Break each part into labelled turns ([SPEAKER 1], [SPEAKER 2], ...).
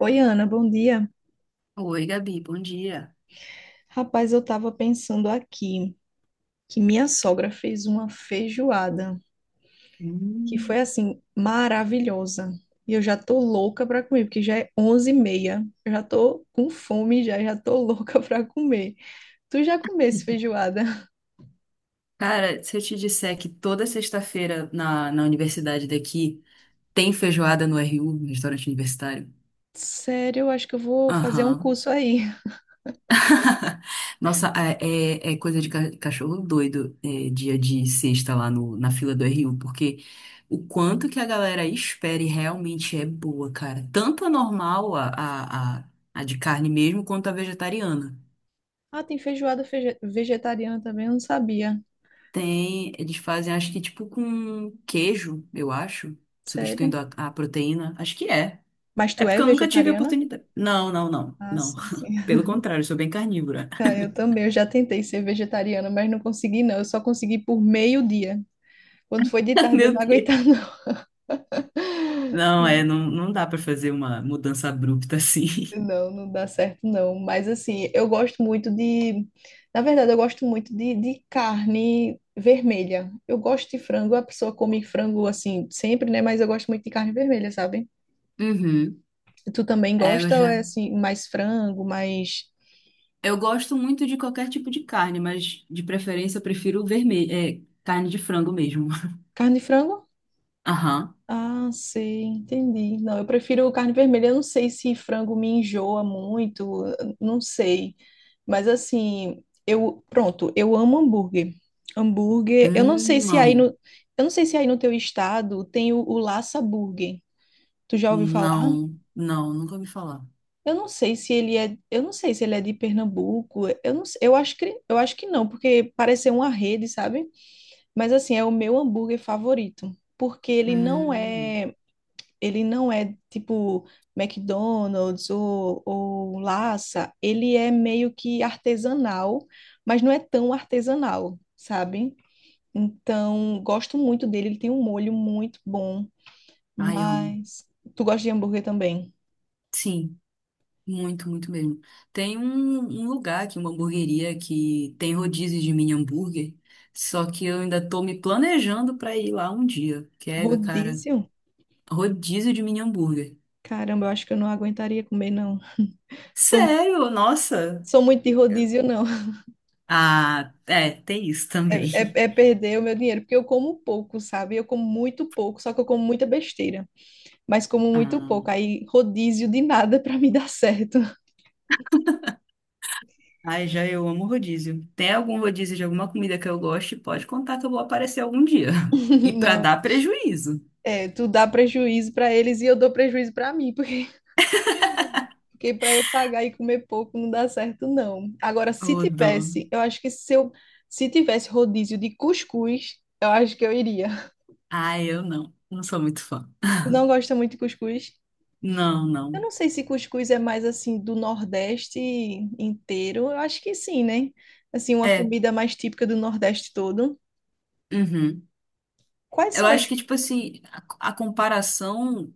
[SPEAKER 1] Oi, Ana, bom dia.
[SPEAKER 2] Oi, Gabi, bom dia.
[SPEAKER 1] Rapaz, eu tava pensando aqui que minha sogra fez uma feijoada que foi
[SPEAKER 2] Hum.
[SPEAKER 1] assim maravilhosa. E eu já tô louca para comer, porque já é 11:30. Eu já tô com fome já, já tô louca para comer. Tu já comesse feijoada?
[SPEAKER 2] Cara, se eu te disser que toda sexta-feira na universidade daqui tem feijoada no RU, no restaurante universitário.
[SPEAKER 1] Sério, eu acho que eu vou fazer um
[SPEAKER 2] Aham.
[SPEAKER 1] curso aí.
[SPEAKER 2] Nossa, é, é coisa de cachorro doido, é, dia de sexta lá no, na fila do RU, porque o quanto que a galera espera e realmente é boa, cara. Tanto a normal, a de carne mesmo, quanto a vegetariana.
[SPEAKER 1] Ah, tem feijoada vegetariana também, eu não sabia.
[SPEAKER 2] Tem, eles fazem, acho que tipo com queijo, eu acho,
[SPEAKER 1] Sério?
[SPEAKER 2] substituindo a proteína. Acho que é.
[SPEAKER 1] Mas
[SPEAKER 2] É
[SPEAKER 1] tu é
[SPEAKER 2] porque eu nunca tive a
[SPEAKER 1] vegetariana?
[SPEAKER 2] oportunidade. Não, não, não,
[SPEAKER 1] Ah,
[SPEAKER 2] não.
[SPEAKER 1] sim, sim.
[SPEAKER 2] Pelo contrário, eu sou bem carnívora.
[SPEAKER 1] Eu também, eu já tentei ser vegetariana, mas não consegui não. Eu só consegui por meio-dia. Quando foi de tarde, eu
[SPEAKER 2] Meu
[SPEAKER 1] não aguentava
[SPEAKER 2] Deus. Não, é,
[SPEAKER 1] não.
[SPEAKER 2] não dá pra fazer uma mudança abrupta assim.
[SPEAKER 1] Não, não dá certo não. Mas assim, eu gosto muito de, na verdade, eu gosto muito de, carne vermelha. Eu gosto de frango, a pessoa come frango assim sempre, né? Mas eu gosto muito de carne vermelha, sabe?
[SPEAKER 2] Uhum.
[SPEAKER 1] Tu também
[SPEAKER 2] É, eu
[SPEAKER 1] gosta ou é
[SPEAKER 2] já.
[SPEAKER 1] assim mais frango, mais
[SPEAKER 2] Eu gosto muito de qualquer tipo de carne, mas de preferência eu prefiro vermelho, é, carne de frango mesmo.
[SPEAKER 1] carne de frango?
[SPEAKER 2] Aham.
[SPEAKER 1] Ah, sei, entendi. Não, eu prefiro carne vermelha. Eu não sei se frango me enjoa muito, eu não sei. Mas assim, eu, pronto, eu amo hambúrguer. Hambúrguer, eu não sei se aí
[SPEAKER 2] Amo.
[SPEAKER 1] no, eu não sei se aí no teu estado tem o, Laça Burger. Tu já ouviu falar?
[SPEAKER 2] Não, nunca ouvi falar.
[SPEAKER 1] Eu não sei se ele é, eu não sei se ele é de Pernambuco. Eu não, eu acho que não, porque parece ser uma rede, sabe? Mas assim, é o meu hambúrguer favorito, porque ele não
[SPEAKER 2] Hum,
[SPEAKER 1] é ele não é tipo McDonald's ou Lassa, ele é meio que artesanal, mas não é tão artesanal, sabe? Então, gosto muito dele, ele tem um molho muito bom,
[SPEAKER 2] ai, amo.
[SPEAKER 1] mas tu gosta de hambúrguer também?
[SPEAKER 2] Sim, muito, muito mesmo. Tem um lugar aqui, uma hamburgueria que tem rodízio de mini hambúrguer, só que eu ainda tô me planejando pra ir lá um dia. Que é, cara,
[SPEAKER 1] Rodízio?
[SPEAKER 2] rodízio de mini hambúrguer.
[SPEAKER 1] Caramba, eu acho que eu não aguentaria comer, não. Sou,
[SPEAKER 2] Sério? Nossa!
[SPEAKER 1] sou muito de rodízio, não.
[SPEAKER 2] Ah, é, tem isso
[SPEAKER 1] É, é,
[SPEAKER 2] também.
[SPEAKER 1] é perder o meu dinheiro, porque eu como pouco, sabe? Eu como muito pouco, só que eu como muita besteira. Mas como muito
[SPEAKER 2] Ah,
[SPEAKER 1] pouco. Aí rodízio de nada para me dar certo.
[SPEAKER 2] ai, já eu amo rodízio. Tem algum rodízio de alguma comida que eu goste? Pode contar que eu vou aparecer algum dia. E pra
[SPEAKER 1] Não.
[SPEAKER 2] dar prejuízo.
[SPEAKER 1] É, tu dá prejuízo para eles e eu dou prejuízo para mim, porque para eu pagar e comer pouco não dá certo, não. Agora, se
[SPEAKER 2] Ô, dó.
[SPEAKER 1] tivesse, eu acho que se tivesse rodízio de cuscuz, eu acho que eu iria.
[SPEAKER 2] Ai, eu não. Não sou muito fã.
[SPEAKER 1] Tu não gosta muito de cuscuz?
[SPEAKER 2] Não,
[SPEAKER 1] Eu
[SPEAKER 2] não.
[SPEAKER 1] não sei se cuscuz é mais assim do Nordeste inteiro. Eu acho que sim, né? Assim, uma
[SPEAKER 2] É.
[SPEAKER 1] comida mais típica do Nordeste todo.
[SPEAKER 2] Uhum.
[SPEAKER 1] Quais
[SPEAKER 2] Eu
[SPEAKER 1] são
[SPEAKER 2] acho
[SPEAKER 1] as?
[SPEAKER 2] que, tipo assim, a comparação.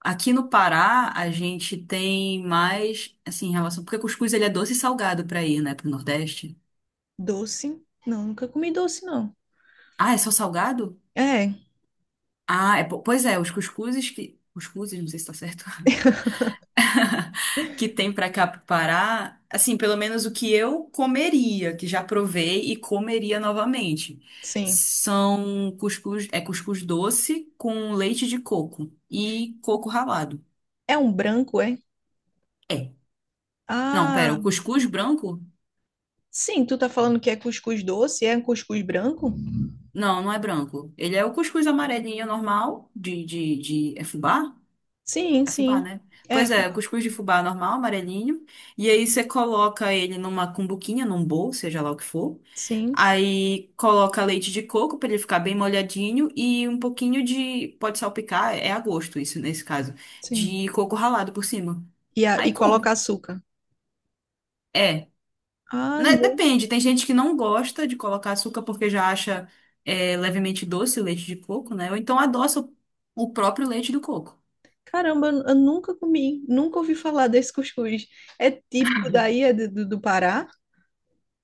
[SPEAKER 2] Aqui no Pará, a gente tem mais, assim, em relação. Porque cuscuz ele é doce e salgado pra ir, né, pro Nordeste.
[SPEAKER 1] Doce? Não, nunca comi doce, não.
[SPEAKER 2] Ah, é só salgado?
[SPEAKER 1] É,
[SPEAKER 2] Ah, é, pois é, os cuscuzes que. Cuscuzes, não sei se tá certo. Que tem pra cá pro Pará, assim, pelo menos o que eu comeria, que já provei e comeria novamente.
[SPEAKER 1] sim.
[SPEAKER 2] São cuscuz, é cuscuz doce com leite de coco e coco ralado.
[SPEAKER 1] É um branco, é?
[SPEAKER 2] É. Não, pera,
[SPEAKER 1] Ah,
[SPEAKER 2] o cuscuz branco?
[SPEAKER 1] sim, tu tá falando que é cuscuz doce, é um cuscuz branco?
[SPEAKER 2] Não, não é branco. Ele é o cuscuz amarelinho normal, de... É fubá?
[SPEAKER 1] Sim,
[SPEAKER 2] É fubá,
[SPEAKER 1] sim.
[SPEAKER 2] né?
[SPEAKER 1] É,
[SPEAKER 2] Pois é,
[SPEAKER 1] fubá.
[SPEAKER 2] cuscuz de fubá normal, amarelinho. E aí você coloca ele numa cumbuquinha, num bowl, seja lá o que for.
[SPEAKER 1] Sim,
[SPEAKER 2] Aí coloca leite de coco para ele ficar bem molhadinho e um pouquinho de... Pode salpicar, é a gosto isso nesse caso.
[SPEAKER 1] sim.
[SPEAKER 2] De coco ralado por cima.
[SPEAKER 1] E, a,
[SPEAKER 2] Aí
[SPEAKER 1] e
[SPEAKER 2] come.
[SPEAKER 1] coloca açúcar.
[SPEAKER 2] É,
[SPEAKER 1] Ah,
[SPEAKER 2] né,
[SPEAKER 1] não.
[SPEAKER 2] depende, tem gente que não gosta de colocar açúcar porque já acha é, levemente doce o leite de coco, né? Ou então adoça o próprio leite do coco.
[SPEAKER 1] Caramba, eu nunca comi, nunca ouvi falar desse cuscuz. É típico daí, é do Pará.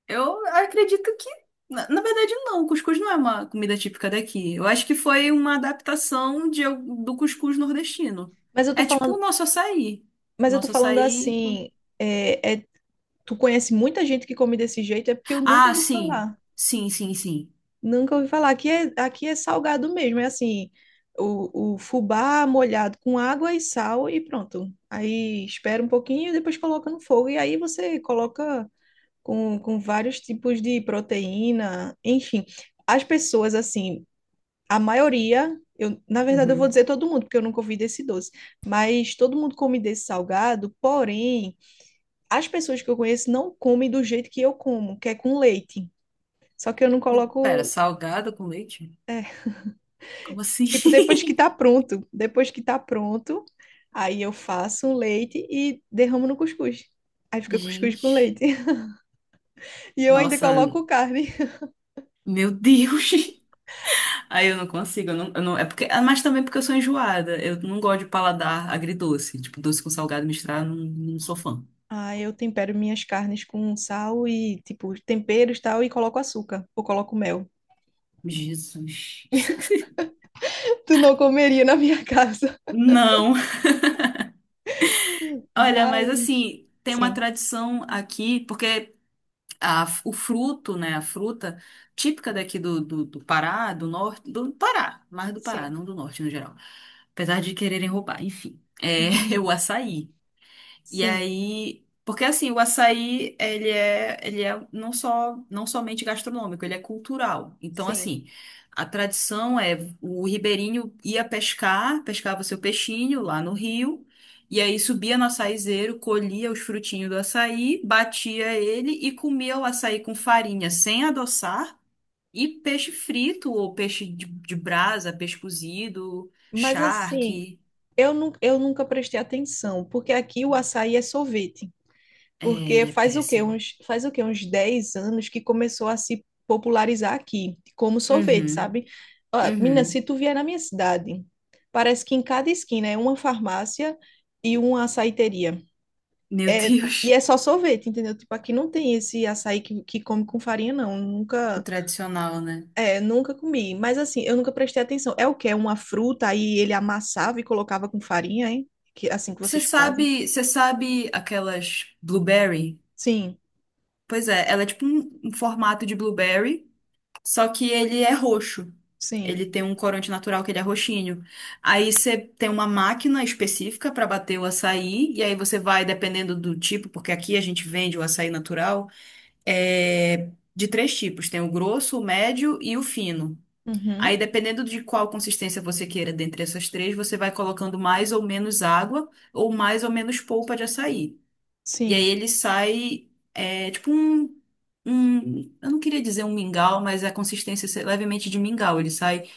[SPEAKER 2] Eu acredito que, na verdade, não. O cuscuz não é uma comida típica daqui. Eu acho que foi uma adaptação de, do cuscuz nordestino.
[SPEAKER 1] Mas eu tô
[SPEAKER 2] É tipo o
[SPEAKER 1] falando,
[SPEAKER 2] nosso açaí. O
[SPEAKER 1] mas eu tô
[SPEAKER 2] nosso
[SPEAKER 1] falando
[SPEAKER 2] açaí.
[SPEAKER 1] assim, é, é- tu conhece muita gente que come desse jeito, é porque eu nunca
[SPEAKER 2] Ah,
[SPEAKER 1] ouvi
[SPEAKER 2] sim.
[SPEAKER 1] falar.
[SPEAKER 2] Sim, sim, sim.
[SPEAKER 1] Nunca ouvi falar. Aqui é salgado mesmo. É assim, o, fubá molhado com água e sal e pronto. Aí espera um pouquinho e depois coloca no fogo. E aí você coloca com vários tipos de proteína. Enfim, as pessoas, assim, a maioria, eu, na verdade eu vou
[SPEAKER 2] Uhum.
[SPEAKER 1] dizer todo mundo, porque eu nunca ouvi desse doce. Mas todo mundo come desse salgado. Porém, as pessoas que eu conheço não comem do jeito que eu como, que é com leite. Só que eu não
[SPEAKER 2] Pera,
[SPEAKER 1] coloco.
[SPEAKER 2] salgado com leite? Como assim?
[SPEAKER 1] Tipo, depois que tá pronto, depois que tá pronto, aí eu faço um leite e derramo no cuscuz. Aí fica cuscuz com
[SPEAKER 2] Gente.
[SPEAKER 1] leite. E eu ainda
[SPEAKER 2] Nossa,
[SPEAKER 1] coloco carne.
[SPEAKER 2] meu Deus. Aí eu não consigo, eu não- é porque, ah, mas também porque eu sou enjoada. Eu não gosto de paladar agridoce. Tipo, doce com salgado misturado, eu não, não sou fã.
[SPEAKER 1] Aí eu tempero minhas carnes com sal e, tipo, temperos e tal, e coloco açúcar ou coloco mel.
[SPEAKER 2] Jesus.
[SPEAKER 1] Tu não comeria na minha casa.
[SPEAKER 2] Não. Olha, mas
[SPEAKER 1] Mas.
[SPEAKER 2] assim, tem uma
[SPEAKER 1] Sim,
[SPEAKER 2] tradição aqui, porque a, o fruto, né, a fruta típica daqui do Pará, do norte, do Pará, mais do Pará,
[SPEAKER 1] sim.
[SPEAKER 2] não do norte no geral. Apesar de quererem roubar, enfim. É, é
[SPEAKER 1] Uhum.
[SPEAKER 2] o açaí. E
[SPEAKER 1] Sim,
[SPEAKER 2] aí, porque assim, o açaí, ele é não só, não somente gastronômico, ele é cultural. Então,
[SPEAKER 1] sim.
[SPEAKER 2] assim, a tradição é o ribeirinho ia pescar, pescava seu peixinho lá no rio, e aí subia no açaizeiro, colhia os frutinhos do açaí, batia ele e comia o açaí com farinha sem adoçar e peixe frito ou peixe de brasa, peixe cozido,
[SPEAKER 1] Mas assim,
[SPEAKER 2] charque.
[SPEAKER 1] eu nunca prestei atenção, porque aqui o açaí é sorvete.
[SPEAKER 2] É,
[SPEAKER 1] Porque
[SPEAKER 2] ele é
[SPEAKER 1] faz o quê?
[SPEAKER 2] péssimo.
[SPEAKER 1] Uns, faz o quê? Uns 10 anos que começou a se popularizar aqui, como sorvete,
[SPEAKER 2] Uhum,
[SPEAKER 1] sabe? Ó, menina, se
[SPEAKER 2] uhum.
[SPEAKER 1] tu vier na minha cidade, parece que em cada esquina é uma farmácia e uma açaiteria.
[SPEAKER 2] Meu
[SPEAKER 1] É, e
[SPEAKER 2] Deus,
[SPEAKER 1] é só sorvete, entendeu? Tipo, aqui não tem esse açaí que, come com farinha, não.
[SPEAKER 2] o
[SPEAKER 1] Nunca,
[SPEAKER 2] tradicional, né?
[SPEAKER 1] é, nunca comi. Mas assim, eu nunca prestei atenção. É o quê? É uma fruta, aí ele amassava e colocava com farinha, hein? Que, assim que vocês fazem.
[SPEAKER 2] Você sabe aquelas blueberry?
[SPEAKER 1] Sim,
[SPEAKER 2] Pois é, ela é tipo um, um formato de blueberry, só que ele é roxo.
[SPEAKER 1] sim.
[SPEAKER 2] Ele tem um corante natural que ele é roxinho. Aí você tem uma máquina específica para bater o açaí, e aí você vai, dependendo do tipo, porque aqui a gente vende o açaí natural, é de três tipos: tem o grosso, o médio e o fino.
[SPEAKER 1] Uhum,
[SPEAKER 2] Aí, dependendo de qual consistência você queira dentre essas três, você vai colocando mais ou menos água ou mais ou menos polpa de açaí. E aí
[SPEAKER 1] sim.
[SPEAKER 2] ele sai, é, tipo um, um. Eu não queria dizer um mingau, mas a consistência é levemente de mingau. Ele sai.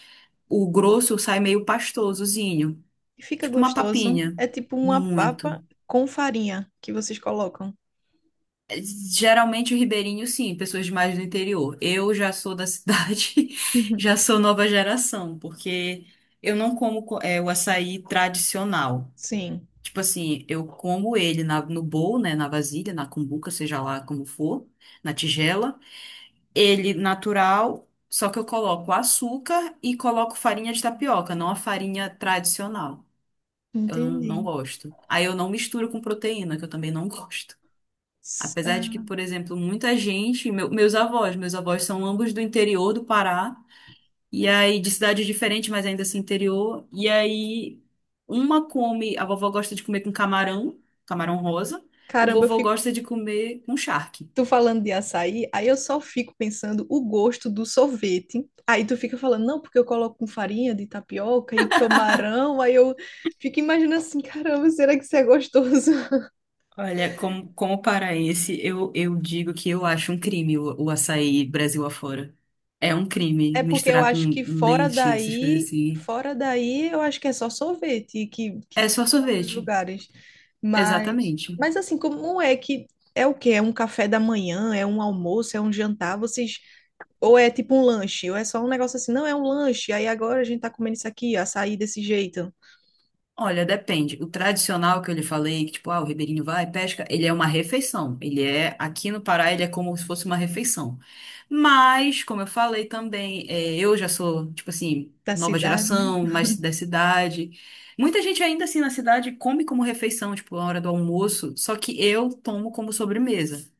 [SPEAKER 2] O grosso sai meio pastosozinho,
[SPEAKER 1] E fica
[SPEAKER 2] tipo uma
[SPEAKER 1] gostoso.
[SPEAKER 2] papinha.
[SPEAKER 1] É tipo uma
[SPEAKER 2] Muito.
[SPEAKER 1] papa com farinha que vocês colocam.
[SPEAKER 2] Geralmente o ribeirinho, sim, pessoas de mais do interior. Eu já sou da cidade, já sou nova geração, porque eu não como é, o açaí tradicional.
[SPEAKER 1] Sim,
[SPEAKER 2] Tipo assim, eu como ele no bowl, né, na vasilha, na cumbuca, seja lá como for, na tigela. Ele natural, só que eu coloco açúcar e coloco farinha de tapioca, não a farinha tradicional. Eu não, não
[SPEAKER 1] entendi.
[SPEAKER 2] gosto. Aí eu não misturo com proteína, que eu também não gosto. Apesar de que,
[SPEAKER 1] Ah,
[SPEAKER 2] por exemplo, muita gente, meus avós são ambos do interior do Pará, e aí de cidade diferente, mas ainda assim interior, e aí uma come, a vovó gosta de comer com camarão, camarão rosa, o
[SPEAKER 1] caramba, eu
[SPEAKER 2] vovô
[SPEAKER 1] fico.
[SPEAKER 2] gosta de comer com charque.
[SPEAKER 1] Tu falando de açaí, aí eu só fico pensando o gosto do sorvete. Aí tu fica falando, não, porque eu coloco com farinha de tapioca e camarão. Aí eu fico imaginando assim, caramba, será que isso é gostoso?
[SPEAKER 2] Olha, como, como paraense, eu digo que eu acho um crime o açaí Brasil afora. É um crime
[SPEAKER 1] É porque eu
[SPEAKER 2] misturar com
[SPEAKER 1] acho que fora
[SPEAKER 2] leite, essas coisas
[SPEAKER 1] daí,
[SPEAKER 2] assim.
[SPEAKER 1] fora daí, eu acho que é só sorvete que
[SPEAKER 2] É
[SPEAKER 1] tem
[SPEAKER 2] só
[SPEAKER 1] em outros
[SPEAKER 2] sorvete.
[SPEAKER 1] lugares. Mas,
[SPEAKER 2] Exatamente.
[SPEAKER 1] mas assim, como é que é o quê? É um café da manhã, é um almoço, é um jantar, vocês ou é tipo um lanche, ou é só um negócio assim, não, é um lanche. Aí agora a gente tá comendo isso aqui, açaí desse jeito
[SPEAKER 2] Olha, depende. O tradicional que eu lhe falei, que tipo, ah, o ribeirinho vai, pesca, ele é uma refeição. Ele é, aqui no Pará, ele é como se fosse uma refeição. Mas, como eu falei também, eh, eu já sou, tipo assim,
[SPEAKER 1] da
[SPEAKER 2] nova
[SPEAKER 1] cidade, né?
[SPEAKER 2] geração, mais da cidade. Muita gente ainda assim na cidade come como refeição, tipo, na hora do almoço, só que eu tomo como sobremesa.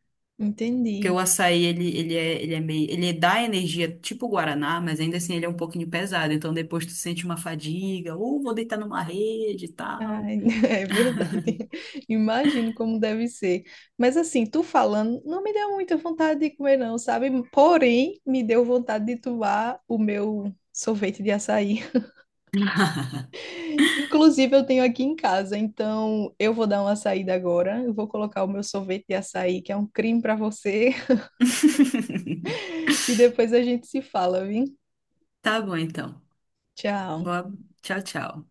[SPEAKER 2] Porque
[SPEAKER 1] Entendi.
[SPEAKER 2] o açaí, ele é meio, ele dá energia tipo o guaraná, mas ainda assim ele é um pouquinho pesado. Então depois tu sente uma fadiga, ou vou deitar numa rede e tal.
[SPEAKER 1] Ai, é verdade. Imagino como deve ser. Mas assim, tu falando, não me deu muita vontade de comer, não, sabe? Porém, me deu vontade de tomar o meu sorvete de açaí. Inclusive, eu tenho aqui em casa, então eu vou dar uma saída agora. Eu vou colocar o meu sorvete de açaí, que é um crime para você, e depois a gente se fala, viu?
[SPEAKER 2] Tá bom, então.
[SPEAKER 1] Tchau.
[SPEAKER 2] Boa... Tchau, tchau.